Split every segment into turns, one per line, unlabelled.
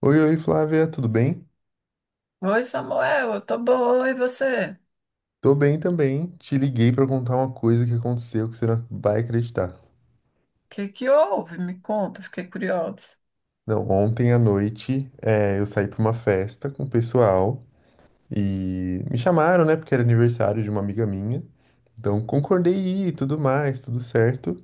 Oi, oi, Flávia, tudo bem?
Oi, Samuel, eu tô boa, e você? O
Tô bem também. Te liguei pra contar uma coisa que aconteceu que você não vai acreditar.
que que houve? Me conta, fiquei curiosa.
Não, ontem à noite, eu saí pra uma festa com o pessoal e me chamaram, né, porque era aniversário de uma amiga minha. Então concordei em ir e tudo mais, tudo certo.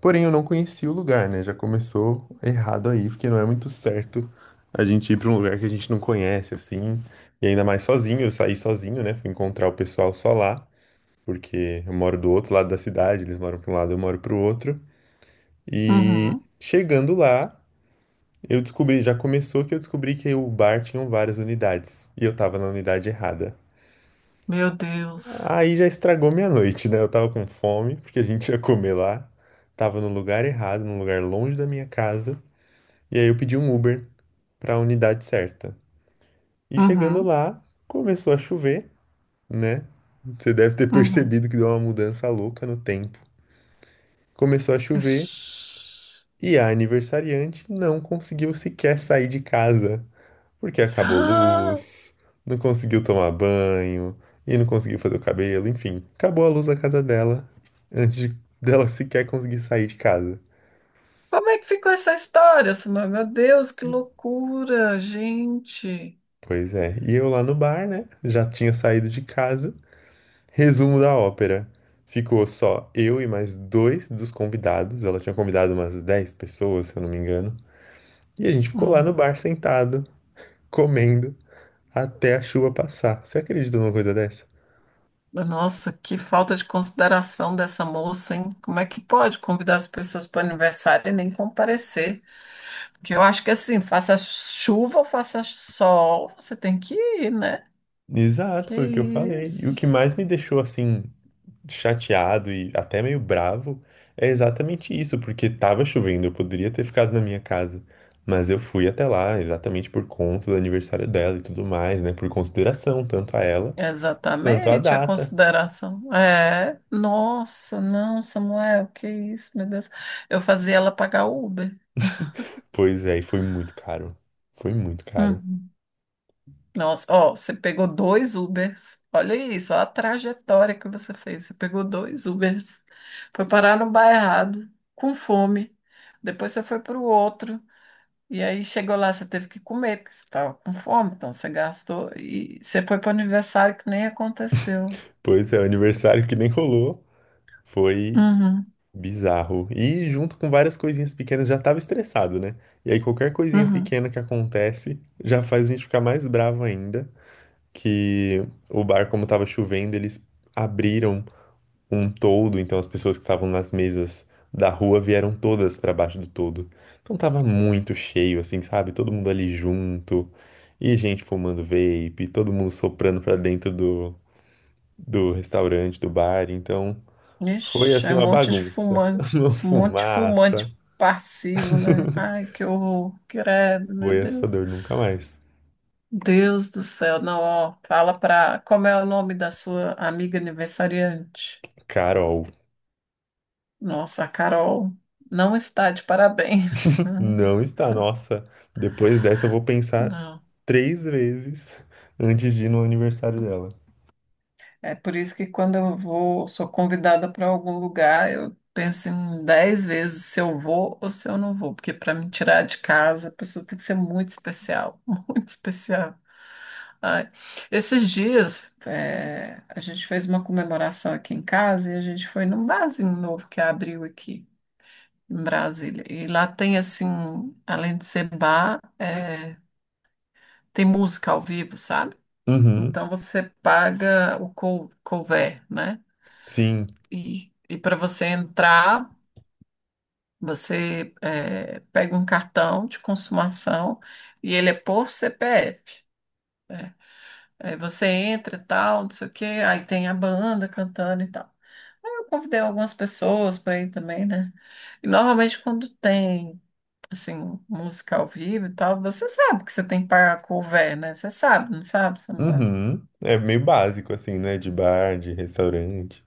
Porém, eu não conhecia o lugar, né? Já começou errado aí, porque não é muito certo a gente ir pra um lugar que a gente não conhece, assim. E ainda mais sozinho, eu saí sozinho, né? Fui encontrar o pessoal só lá. Porque eu moro do outro lado da cidade, eles moram para um lado, eu moro para o outro. E
Uhum.
chegando lá, eu descobri, já começou que eu descobri que o bar tinha várias unidades e eu tava na unidade errada.
Meu Deus.
Aí já estragou minha noite, né? Eu tava com fome, porque a gente ia comer lá. Tava no lugar errado, num lugar longe da minha casa. E aí eu pedi um Uber para a unidade certa. E chegando
Uhum.
lá, começou a chover, né? Você deve ter
Uhum.
percebido que deu uma mudança louca no tempo. Começou a chover
Ixi.
e a aniversariante não conseguiu sequer sair de casa, porque acabou
Ah,
luz, não conseguiu tomar banho e não conseguiu fazer o cabelo, enfim, acabou a luz da casa dela dela sequer conseguir sair de casa.
como é que ficou essa história, Samuel? Meu Deus, que loucura, gente.
Pois é, e eu lá no bar, né? Já tinha saído de casa. Resumo da ópera. Ficou só eu e mais dois dos convidados. Ela tinha convidado umas 10 pessoas, se eu não me engano. E a gente ficou lá
Uhum.
no bar sentado, comendo, até a chuva passar. Você acredita numa coisa dessa?
Nossa, que falta de consideração dessa moça, hein? Como é que pode convidar as pessoas para o aniversário e nem comparecer? Porque eu acho que assim, faça chuva ou faça sol, você tem que ir, né?
Exato,
Que
foi o que eu falei. E o que
isso?
mais me deixou assim chateado e até meio bravo é exatamente isso, porque tava chovendo, eu poderia ter ficado na minha casa, mas eu fui até lá exatamente por conta do aniversário dela e tudo mais, né? Por consideração tanto a ela quanto à
Exatamente, a
data.
consideração. É, nossa, não, Samuel, que isso, meu Deus. Eu fazia ela pagar o Uber.
Pois é, e foi muito caro. Foi muito caro.
Uhum. Nossa, ó, você pegou dois Ubers. Olha isso, ó, a trajetória que você fez. Você pegou dois Ubers, foi parar no bar errado, com fome. Depois você foi para o outro. E aí chegou lá, você teve que comer, porque você estava com fome, então você gastou. E você foi para o aniversário que nem aconteceu.
Pois é, o aniversário que nem rolou foi
Uhum,
bizarro. E junto com várias coisinhas pequenas já tava estressado, né? E aí qualquer coisinha
uhum.
pequena que acontece já faz a gente ficar mais bravo ainda. Que o bar, como tava chovendo, eles abriram um toldo, então as pessoas que estavam nas mesas da rua vieram todas pra baixo do toldo. Então tava muito cheio, assim, sabe? Todo mundo ali junto. E gente fumando vape, todo mundo soprando pra dentro do restaurante, do bar. Então. Foi
Ixi,
assim
é um
uma
monte de
bagunça,
fumante,
uma
um monte de
fumaça.
fumante passivo, né? Ai, que horror, credo, meu
Foi
Deus.
assustador, nunca mais.
Deus do céu, não, ó, fala pra. Como é o nome da sua amiga aniversariante?
Carol,
Nossa, a Carol não está de parabéns.
não está. Nossa, depois dessa eu vou pensar
Não.
três vezes antes de ir no aniversário dela.
É por isso que quando eu vou, sou convidada para algum lugar, eu penso em 10 vezes se eu vou ou se eu não vou, porque para me tirar de casa, a pessoa tem que ser muito especial, muito especial. Ai, esses dias, a gente fez uma comemoração aqui em casa e a gente foi num barzinho novo que abriu aqui em Brasília. E lá tem, assim, além de ser bar, tem música ao vivo, sabe?
Uhum,
Então você paga o couvert, né?
sim.
E para você entrar, você pega um cartão de consumação e ele é por CPF. Né? Aí você entra e tal, não sei o quê, aí tem a banda cantando e tal. Aí eu convidei algumas pessoas para ir também, né? E normalmente quando tem, assim, música ao vivo e tal, você sabe que você tem que pagar cover, né? Você sabe, não sabe, Samuel?
Uhum. É meio básico assim, né? De bar, de restaurante.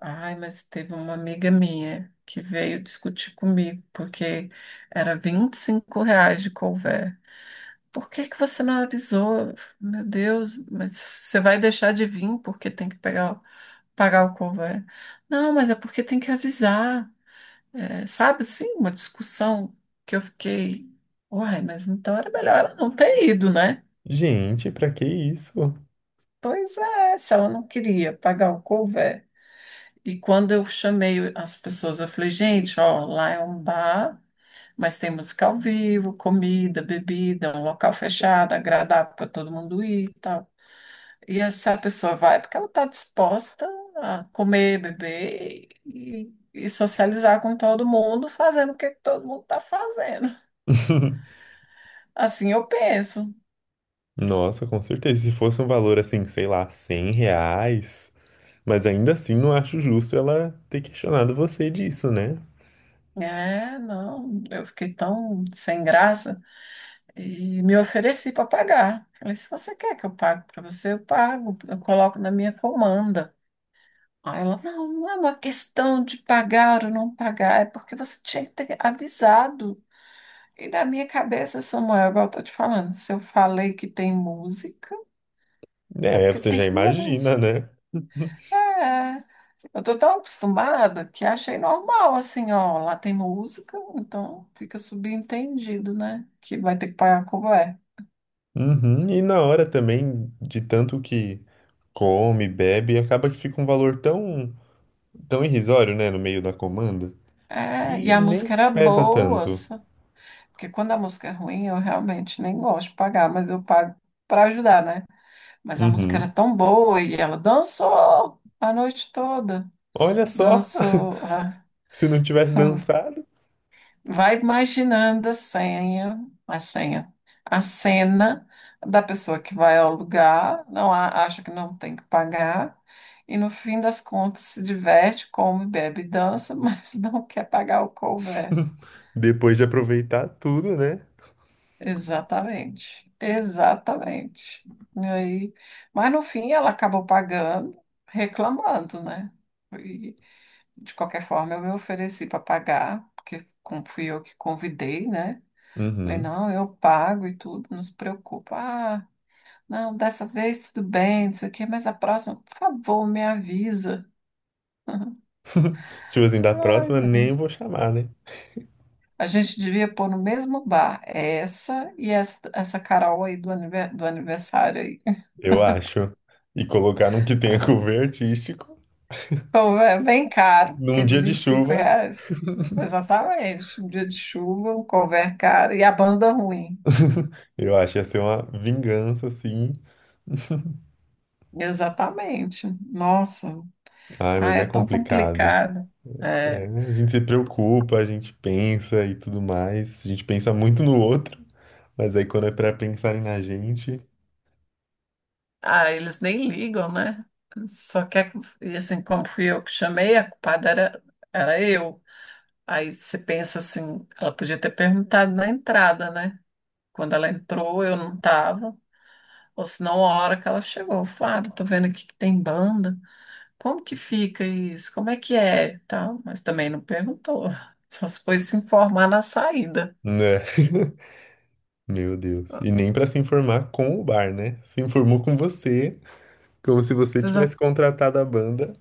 Ai, mas teve uma amiga minha que veio discutir comigo, porque era R$ 25 de couvé. Por que que você não avisou? Meu Deus, mas você vai deixar de vir porque tem que pegar, pagar o couvé. Não, mas é porque tem que avisar. É, sabe, assim, uma discussão que eu fiquei, uai, mas então era melhor ela não ter ido, né?
Gente, pra que isso?
Pois é, se ela não queria pagar o couvé. E quando eu chamei as pessoas, eu falei, gente, ó, lá é um bar, mas tem música ao vivo, comida, bebida, um local fechado, agradável para todo mundo ir e tal. E essa pessoa vai porque ela está disposta a comer, beber e socializar com todo mundo, fazendo o que todo mundo está fazendo. Assim eu penso.
Nossa, com certeza. Se fosse um valor assim, sei lá, 100 reais. Mas ainda assim, não acho justo ela ter questionado você disso, né?
É, não, eu fiquei tão sem graça. E me ofereci para pagar. Falei, se você quer que eu pague para você, eu pago, eu coloco na minha comanda. Aí ela, não, não é uma questão de pagar ou não pagar, é porque você tinha que ter avisado. E na minha cabeça, Samuel, igual eu tô te falando, se eu falei que tem música, é
É,
porque
você já
tem
imagina,
música.
né?
É, eu tô tão acostumada que achei normal, assim, ó, lá tem música, então fica subentendido, né? Que vai ter que pagar como é.
Uhum, e na hora também, de tanto que come, bebe, acaba que fica um valor tão, tão irrisório, né, no meio da comanda,
É,
que
e a
nem
música era
pesa
boa.
tanto.
Porque quando a música é ruim, eu realmente nem gosto de pagar, mas eu pago para ajudar, né? Mas a música era
Uhum.
tão boa e ela dançou a noite toda.
Olha só,
Dançou. Ah,
se não tivesse dançado,
vai imaginando a senha, a cena da pessoa que vai ao lugar, acha que não tem que pagar, e no fim das contas se diverte, come, bebe e dança, mas não quer pagar o couvert.
depois de aproveitar tudo, né?
Exatamente, exatamente. E aí, mas no fim ela acabou pagando, reclamando, né? E, de qualquer forma, eu me ofereci para pagar, porque fui eu que convidei, né? Falei,
Uhum.
não, eu pago e tudo, não se preocupa. Ah, não, dessa vez tudo bem, não sei o quê, mas a próxima, por favor, me avisa.
Tipo assim, da
Ai,
próxima
meu-
nem vou chamar, né?
a gente devia pôr no mesmo bar essa e essa, essa Carol aí do aniversário aí.
Eu acho. E colocar num que tenha cover artístico,
Pô, é bem caro, que
num
é de
dia de
25
chuva,
reais. Exatamente. Um dia de chuva, um couvert caro e a banda ruim.
eu acho que ia ser uma vingança, assim.
Exatamente. Nossa,
Ai,
ah,
mas
é
é
tão
complicado.
complicado.
É,
É.
a gente se preocupa, a gente pensa e tudo mais. A gente pensa muito no outro, mas aí quando é pra pensarem na gente,
Ah, eles nem ligam, né? Só quer que, e assim, como fui eu que chamei, era eu. Aí você pensa assim, ela podia ter perguntado na entrada, né? Quando ela entrou, eu não estava. Ou senão, a hora que ela chegou, Flávio, tô vendo aqui que tem banda. Como que fica isso? Como é que é? Tal, mas também não perguntou. Só se foi se informar na saída.
né? Meu Deus. E nem pra se informar com o bar, né? Se informou com você, como se você
Exa-
tivesse contratado a banda.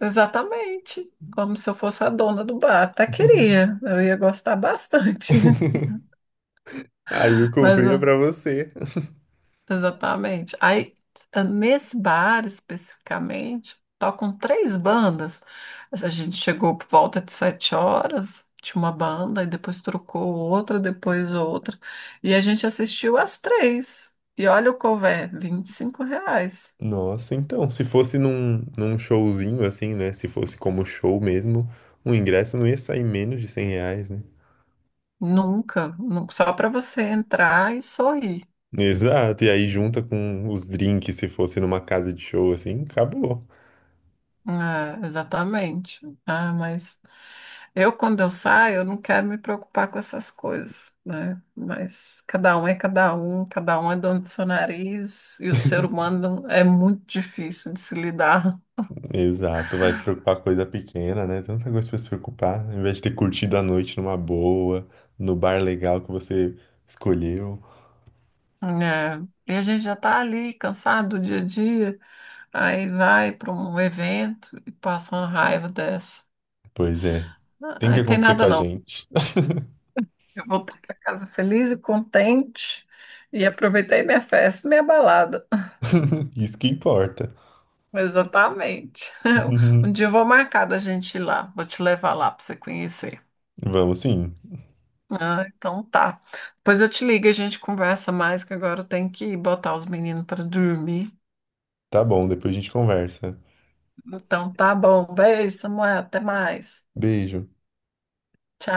Exatamente. Como se eu fosse a dona do bar. Até queria. Eu ia gostar bastante.
Aí o
Mas
cover é pra você.
exatamente. Aí, nesse bar especificamente, tocam três bandas. A gente chegou por volta de 7 horas, tinha uma banda, e depois trocou outra, depois outra. E a gente assistiu as três. E olha o couvert, R$ 25.
Nossa, então, se fosse num, num showzinho assim, né? Se fosse como show mesmo, o ingresso não ia sair menos de 100 reais, né?
Nunca, só para você entrar e sorrir.
Exato, e aí junta com os drinks, se fosse numa casa de show assim, acabou.
É, exatamente. Ah, mas eu, quando eu saio, eu não quero me preocupar com essas coisas, né? Mas cada um é dono do seu nariz, e o ser humano é muito difícil de se lidar,
Exato, vai se preocupar com coisa pequena, né? Tanta coisa pra se preocupar, em vez de ter curtido a noite numa boa, no bar legal que você escolheu.
né? E a gente já está ali, cansado do dia a dia, aí vai para um evento e passa uma raiva dessa.
Pois é,
Ah,
tem que
aí tem
acontecer com
nada
a
não.
gente.
Eu voltei para casa feliz e contente e aproveitei minha festa, minha balada.
Isso que importa.
Exatamente. Um dia eu vou marcar da gente ir lá, vou te levar lá para você conhecer.
Vamos sim.
Ah, então tá. Depois eu te ligo, e a gente conversa mais, que agora eu tenho que botar os meninos para dormir.
Tá bom, depois a gente conversa.
Então tá bom. Beijo, Samuel. Até mais.
Beijo.
Tchau.